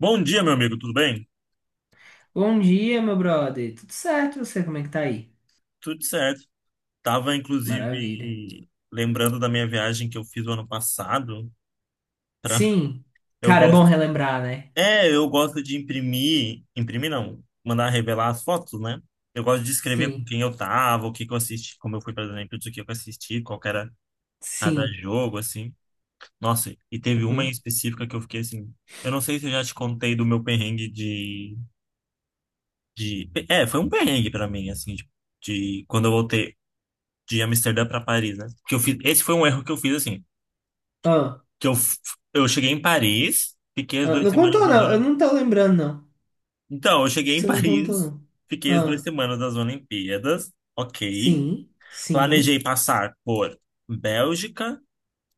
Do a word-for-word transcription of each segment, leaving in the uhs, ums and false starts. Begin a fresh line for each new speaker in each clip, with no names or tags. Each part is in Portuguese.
Bom dia, meu amigo, tudo bem?
Bom dia, meu brother. Tudo certo? e você, como é que tá aí?
Tudo certo. Tava,
Maravilha.
inclusive, lembrando da minha viagem que eu fiz o ano passado. pra-
Sim.
Eu
Cara, é bom
gosto.
relembrar, né?
É, eu gosto de imprimir. Imprimir não, mandar revelar as fotos, né? Eu gosto de escrever com
Sim.
quem eu tava, o que que eu assisti, como eu fui, por exemplo, o que eu assisti, qual que era cada
Sim.
jogo, assim. Nossa, e teve uma em
Uhum.
específica que eu fiquei assim. Eu não sei se eu já te contei do meu perrengue de, de... É, foi um perrengue pra mim, assim, de, de quando eu voltei. De Amsterdã para Paris, né? Que eu fiz, esse foi um erro que eu fiz assim,
Ah,
que eu f- eu cheguei em Paris, fiquei as
ah,
duas
não
semanas
contou,
das
não. Eu
Olimpíadas.
não tô lembrando, não.
Então, eu
Acho
cheguei
que
em
você não contou,
Paris,
não.
fiquei as duas
Ah,
semanas das Olimpíadas, ok.
sim.
Planejei
Sim.
passar por Bélgica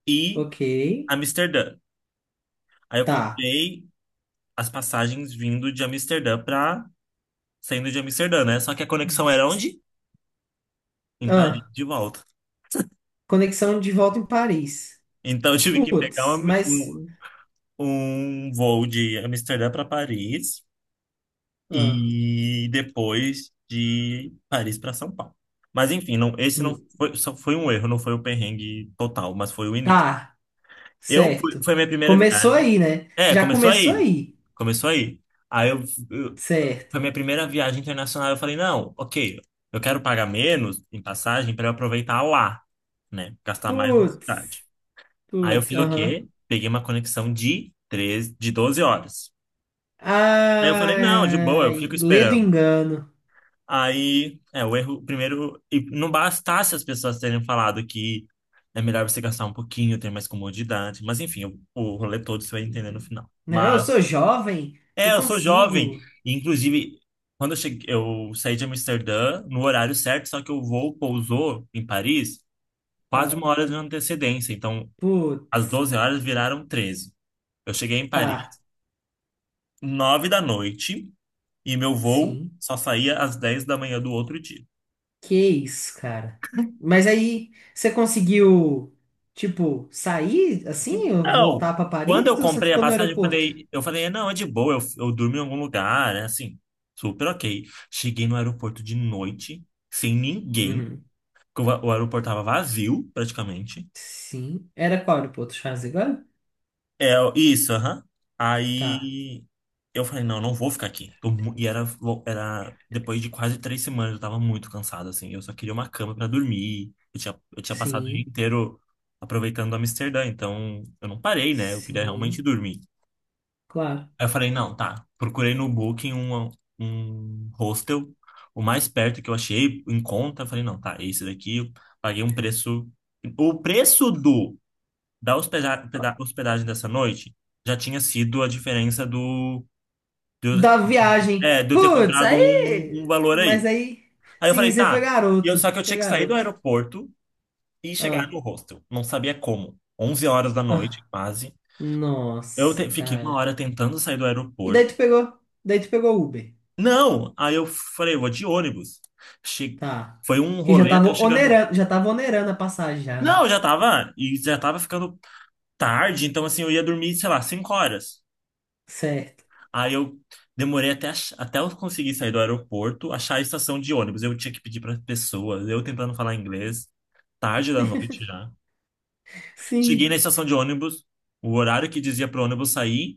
e
Ok.
Amsterdã. Aí eu
Tá.
comprei as passagens vindo de Amsterdã para saindo de Amsterdã, né? Só que a conexão era onde? Em Paris,
Ah,
de volta.
conexão de volta em Paris.
Então, eu tive que pegar
Putz,
um,
mas.
um um voo de Amsterdã para Paris
Ah,
e depois de Paris para São Paulo. Mas enfim, não, esse não
hum,
foi, só foi um erro, não foi o perrengue total, mas foi o início.
tá.
Eu fui,
Certo.
foi a minha primeira
Começou
viagem.
aí, né?
É,
Já
começou
começou
aí.
aí.
Começou aí. Aí eu, eu-
Certo.
foi a minha primeira viagem internacional, eu falei, não, OK, eu quero pagar menos em passagem para eu aproveitar lá, né? Gastar mais na cidade.
Putz.
Aí eu
Putz,
fiz o
aham.
quê? Peguei uma conexão de treze, de doze horas. Aí eu falei, não, de boa, eu fico
Ai, lê do
esperando.
engano.
Aí, é, o erro, primeiro, e não bastasse as pessoas terem falado que é melhor você gastar um pouquinho, ter mais comodidade, mas enfim, o, o rolê todo você vai entender no
Uhum.
final.
Não, eu
Mas,
sou jovem,
é,
eu
eu sou jovem,
consigo.
e, inclusive, quando eu cheguei, eu saí de Amsterdã no horário certo, só que o voo pousou em Paris quase
Ah,
uma hora de antecedência, então as
putz,
doze horas viraram treze. Eu cheguei em
tá,
Paris nove da noite e meu voo
sim.
só saía às dez da manhã do outro dia.
Que isso, cara. Mas aí, você conseguiu, tipo, sair assim, ou
Então,
voltar pra
quando eu
Paris, ou você
comprei a
ficou no
passagem, eu
aeroporto?
falei, eu falei, não, é de boa, eu, eu durmo em algum lugar, né? Assim, super ok. Cheguei no aeroporto de noite, sem ninguém,
Uhum.
porque o, a- o aeroporto tava vazio, praticamente.
Sim. Era qual aeroporto? Charles de Gaulle?
É, isso, aham.
Tá.
Aí eu falei, não, não vou ficar aqui. Tô mu- e era, lo- era depois de quase três semanas, eu tava muito cansado, assim. Eu só queria uma cama pra dormir. Eu tinha, eu tinha passado o dia
Sim,
inteiro aproveitando Amsterdã, então eu não parei, né? Eu queria realmente
sim,
dormir.
claro.
Aí eu falei, não, tá. Procurei no Booking um, um hostel, o mais perto que eu achei, em conta. Eu falei, não, tá, esse daqui. Eu paguei um preço. O preço do da hospeda- hospeda- hospedagem dessa noite já tinha sido a diferença do, do,
da viagem.
é, de eu ter
Putz,
comprado um, um
aí.
valor
Mas
aí.
aí.
Aí eu
Sim,
falei,
você foi
tá. E eu,
garoto.
só que eu
Foi
tinha que sair do
garoto.
aeroporto e chegar no
Ah,
hostel. Não sabia como. Onze horas da noite,
ah.
quase. Eu
Nossa,
te- fiquei uma
cara.
hora tentando sair do
E daí
aeroporto.
tu pegou. Daí tu pegou o Uber.
Não! Aí eu falei, vou de ônibus. Che...
Tá.
Foi um
Que já
rolê até
tava
eu chegar no.
onerando, já tava onerando a passagem já,
Não,
né?
eu já tava. E já tava ficando tarde, então assim, eu ia dormir, sei lá, cinco horas.
Certo.
Aí eu demorei até, ach- até eu conseguir sair do aeroporto, achar a estação de ônibus. Eu tinha que pedir para pessoas, eu tentando falar inglês, tarde da noite já. Cheguei na
Sim.
estação de ônibus, o horário que dizia pro ônibus sair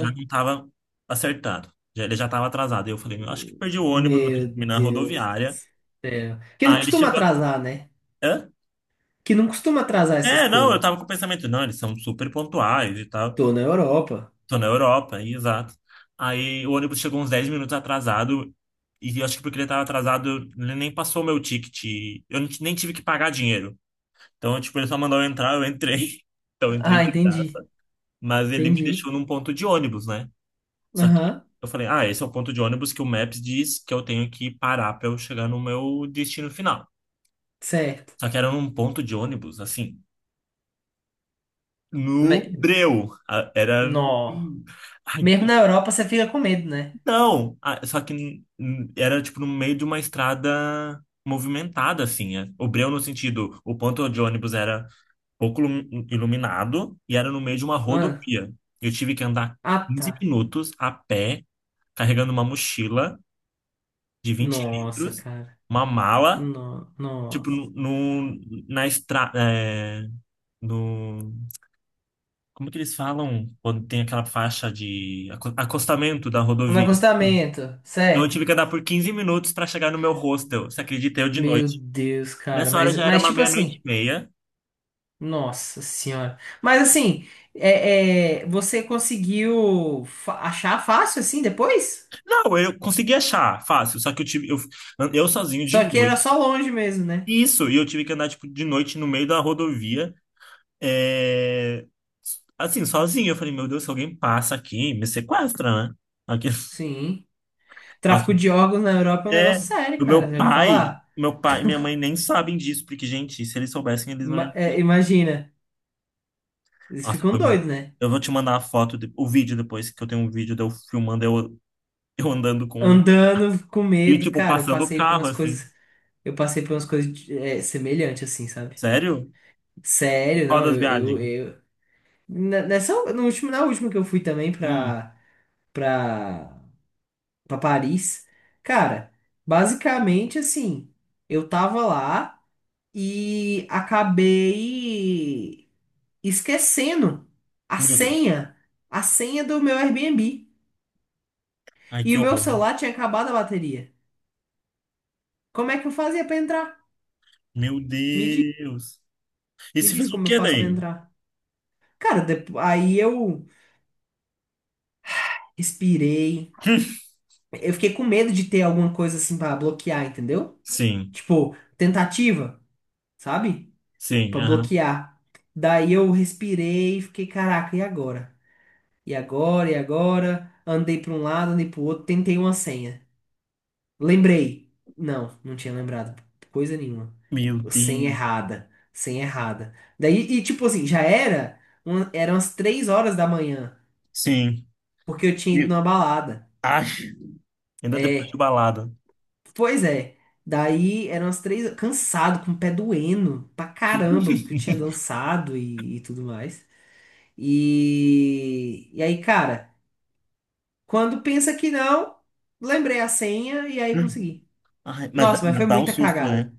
já não tava acertado. Já, ele já tava atrasado. Aí eu falei, acho que perdi o ônibus, vou ter que
Meu
terminar a
Deus do
rodoviária.
céu. Que não
Aí ele
costuma
chegou. a-
atrasar, né?
Hã?
Que não costuma atrasar essas
É, não, eu
coisas.
tava com o pensamento, não, eles são super pontuais e tal.
Tô na Europa.
Tô na Europa, e exato. Aí o ônibus chegou uns dez minutos atrasado, e eu acho que porque ele tava atrasado, ele nem passou o meu ticket. Eu não ti- Nem tive que pagar dinheiro. Então, tipo, ele só mandou eu entrar, eu entrei. Então, eu entrei
Ah,
de graça.
entendi.
Mas ele me
Entendi.
deixou num ponto de ônibus, né? Só que
Aham.
eu falei, ah, esse é o ponto de ônibus que o Maps diz que eu tenho que parar pra eu chegar no meu destino final.
Certo.
Só que era num ponto de ônibus, assim. No Breu. A- Era.
Nó.
Ai,
Mesmo na Europa você fica com medo, né?
então. a- Só que n- n- era tipo no meio de uma estrada movimentada, assim. É. O Breu, no sentido, o ponto de ônibus era pouco lum- iluminado e era no meio de uma
Ah,
rodovia. Eu tive que andar
ah, tá.
quinze minutos a pé, carregando uma mochila de vinte
Nossa,
litros,
cara.
uma mala,
No,
tipo,
nossa.
no, no- na estrada. No, Como que eles falam quando tem aquela faixa de aco- acostamento da
No
rodovia?
acostamento,
Então eu
certo?
tive que andar por quinze minutos para chegar no meu hostel. Você acredita? Eu de
Meu
noite.
Deus, cara.
Nessa hora
Mas,
já era
mas
uma
tipo
meia-noite
assim.
e meia.
Nossa senhora. Mas assim, é, é, você conseguiu fa- achar fácil assim depois?
Não, eu consegui achar, fácil. Só que eu tive, eu, eu sozinho de
Só que era
noite.
só longe mesmo, né?
Isso, e eu tive que andar tipo, de noite no meio da rodovia. É, assim, sozinho. Eu falei, meu Deus, se alguém passa aqui, me sequestra, né? Aqui...
Sim.
Nossa,
Tráfico de órgãos na Europa é um
é,
negócio sério,
do
cara.
meu
Já ouviu
pai,
falar?
meu pai e minha mãe nem sabem disso, porque, gente, se eles soubessem, eles não
Ima-
iam.
é, imagina. Eles
Nossa,
ficam
foi muito.
doidos, né?
Eu vou te mandar a foto, de- o vídeo depois, que eu tenho um vídeo de eu filmando eu, eu andando com.
Andando com
E,
medo,
tipo,
cara, eu
passando o
passei por
carro,
umas
assim.
coisas, eu passei por umas coisas é, semelhantes, assim, sabe?
Sério?
Sério,
Qual
não,
das
eu, eu,
viagens?
eu na- nessa, no último, na última que eu fui também
Hum,
pra, pra, pra Paris, cara, basicamente, assim, eu tava lá e acabei esquecendo a
meu Deus.
senha, a senha do meu Airbnb,
Ai,
e
que
o meu
horror, né?
celular tinha acabado a bateria. Como é que eu fazia pra entrar?
Meu
Me
Deus. E
Me
se
diz
fez o
como eu
quê
faço pra
daí?
entrar. Cara, depo- aí eu respirei. Eu fiquei com medo de ter alguma coisa assim pra bloquear, entendeu?
Sim,
Tipo, tentativa, sabe?
sim,
Pra
aham.
bloquear. Daí eu respirei e fiquei, caraca, e agora? E agora? E agora? Andei pra um lado, andei pro outro, tentei uma senha. Lembrei. Não, não tinha lembrado. Coisa nenhuma.
Meu
Senha
Deus.
errada. Senha errada. Daí, e tipo assim, já era, uma- eram as três horas da manhã,
Sim.
porque eu tinha ido
Meu...
numa balada.
Ai, ainda depois de
É,
balada.
pois é. Daí eram as três, cansado, com o pé doendo pra caramba, porque eu tinha dançado e, e tudo mais. E, e aí, cara, quando pensa que não, lembrei a senha e aí consegui.
Ai, mas,
Nossa, mas
mas
foi
dá um
muita
susto, né?
cagada.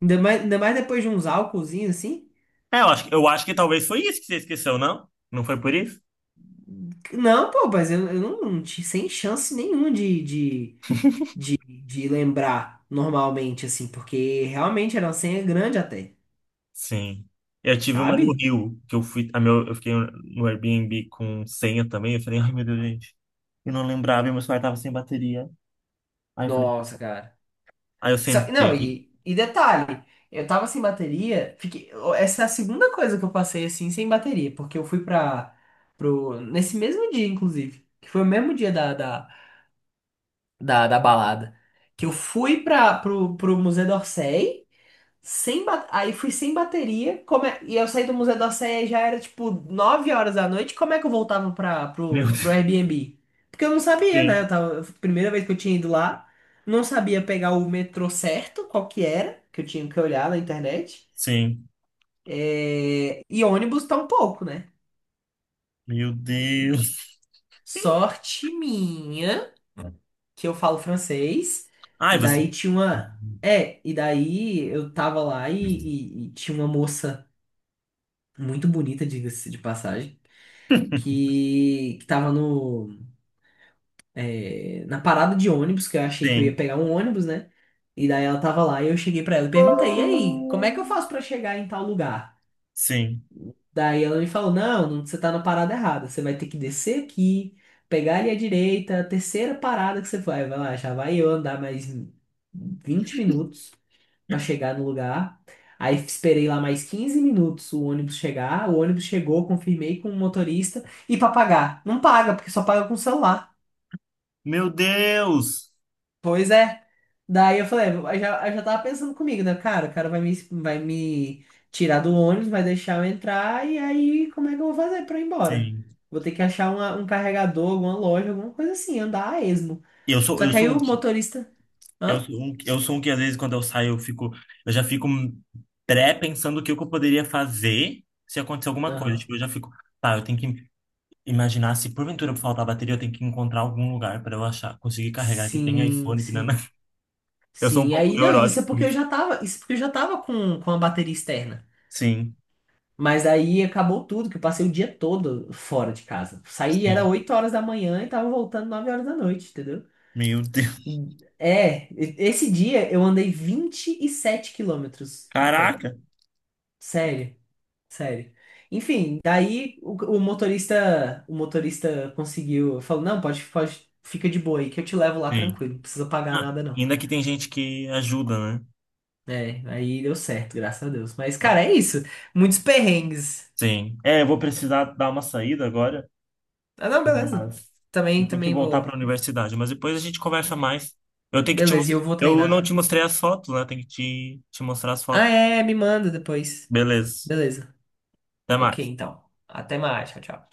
Ainda mais, ainda mais depois de uns álcoolzinhos assim.
É, eu acho, eu acho que talvez foi isso que você esqueceu, não? Não foi por isso?
Não, pô, mas eu, eu não, não tinha sem chance nenhuma de, de, de lembrar normalmente, assim, porque realmente era uma senha grande até,
Sim. Eu tive uma no
sabe?
Rio, que eu fui, a meu, eu fiquei no Airbnb com senha também. Eu falei, ai meu Deus, gente, eu não lembrava, e meu celular tava sem bateria. Aí eu falei,
Nossa, cara.
aí eu
Só- não,
sentei.
e, e detalhe, eu tava sem bateria, fiquei, essa é a segunda coisa que eu passei assim sem bateria, porque eu fui pra, pro, nesse mesmo dia, inclusive, que foi o mesmo dia da, da, da, da balada, que eu fui pra, pro, pro Museu d'Orsay, sem ba- aí fui sem bateria. Como é- E eu saí do Museu da Sé e já era tipo nove horas da noite. Como é que eu voltava pra...
Meu
pro... pro
Deus,
Airbnb? Porque eu não sabia, né?
sim,
Eu tava... Primeira vez que eu tinha ido lá, não sabia pegar o metrô certo, qual que era, que eu tinha que olhar na internet.
sim,
É, e ônibus tá um pouco, né?
meu Deus.
Sorte minha, que eu falo francês,
Ai,
e
você.
daí tinha uma. É, e daí eu tava lá e, e e tinha uma moça muito bonita, diga-se de passagem, que, que tava no, é, na parada de ônibus, que eu achei que eu ia
Sim,
pegar um ônibus, né? E daí ela tava lá e eu cheguei pra ela e perguntei, e aí, como é que eu faço pra chegar em tal lugar?
sim.
Daí ela me falou, não, não, você tá na parada errada, você vai ter que descer aqui, pegar ali à direita, a terceira parada que você vai, vai lá, já vai eu andar mais vinte minutos para chegar no lugar. Aí esperei lá mais quinze minutos o ônibus chegar. O ônibus chegou, confirmei com o motorista. E para pagar? Não paga, porque só paga com o celular.
Meu Deus!
Pois é. Daí eu falei, eu já, eu já tava pensando comigo, né? Cara, o cara vai me, vai me, tirar do ônibus, vai deixar eu entrar. E aí, como é que eu vou fazer para ir embora?
Sim.
Vou ter que achar uma- um carregador, alguma loja, alguma coisa assim, andar a esmo.
Eu sou,
Só
eu
que aí
sou um.
o motorista.
Eu
Hã?
sou um, eu sou um que às vezes quando eu saio eu fico, eu já fico pré-pensando o que eu poderia fazer se acontecer alguma coisa.
Aham.
Tipo, eu já fico, tá, eu tenho que imaginar se porventura faltar bateria, eu tenho que encontrar algum lugar para eu achar, conseguir carregar que tem
Sim,
iPhone, que não,
sim.
Eu sou um
Sim,
pouco
aí, não, isso
neurótico
é
com
porque eu
isso.
já tava, isso é porque eu já tava com, com a bateria externa.
Sim,
Mas aí acabou tudo, que eu passei o dia todo fora de casa. Saí, era
sim.
oito horas da manhã e tava voltando nove horas da noite, entendeu?
Meu Deus.
É, e- esse dia eu andei vinte e sete quilômetros a pé.
Caraca.
Sério, sério. Enfim, daí o, o motorista, o motorista conseguiu, falou, não, pode, pode, fica de boa aí que eu te levo lá
Sim.
tranquilo, não precisa pagar
Ah,
nada não.
ainda que tem gente que ajuda, né?
É, aí deu certo, graças a Deus. Mas, cara, é isso. Muitos perrengues.
Sim. É, eu vou precisar dar uma saída agora.
Ah, não, beleza.
Mas eu
Também,
tenho que
também
voltar para a
vou.
universidade. Mas depois a gente conversa mais. Eu tenho que te
Beleza, e eu
mostrar.
vou
Eu não te
treinar.
mostrei as fotos, né? Tenho que te, te mostrar as
Ah,
fotos.
é, me manda depois.
Beleza.
Beleza.
Até
Ok,
mais.
então. Até mais. Tchau, tchau.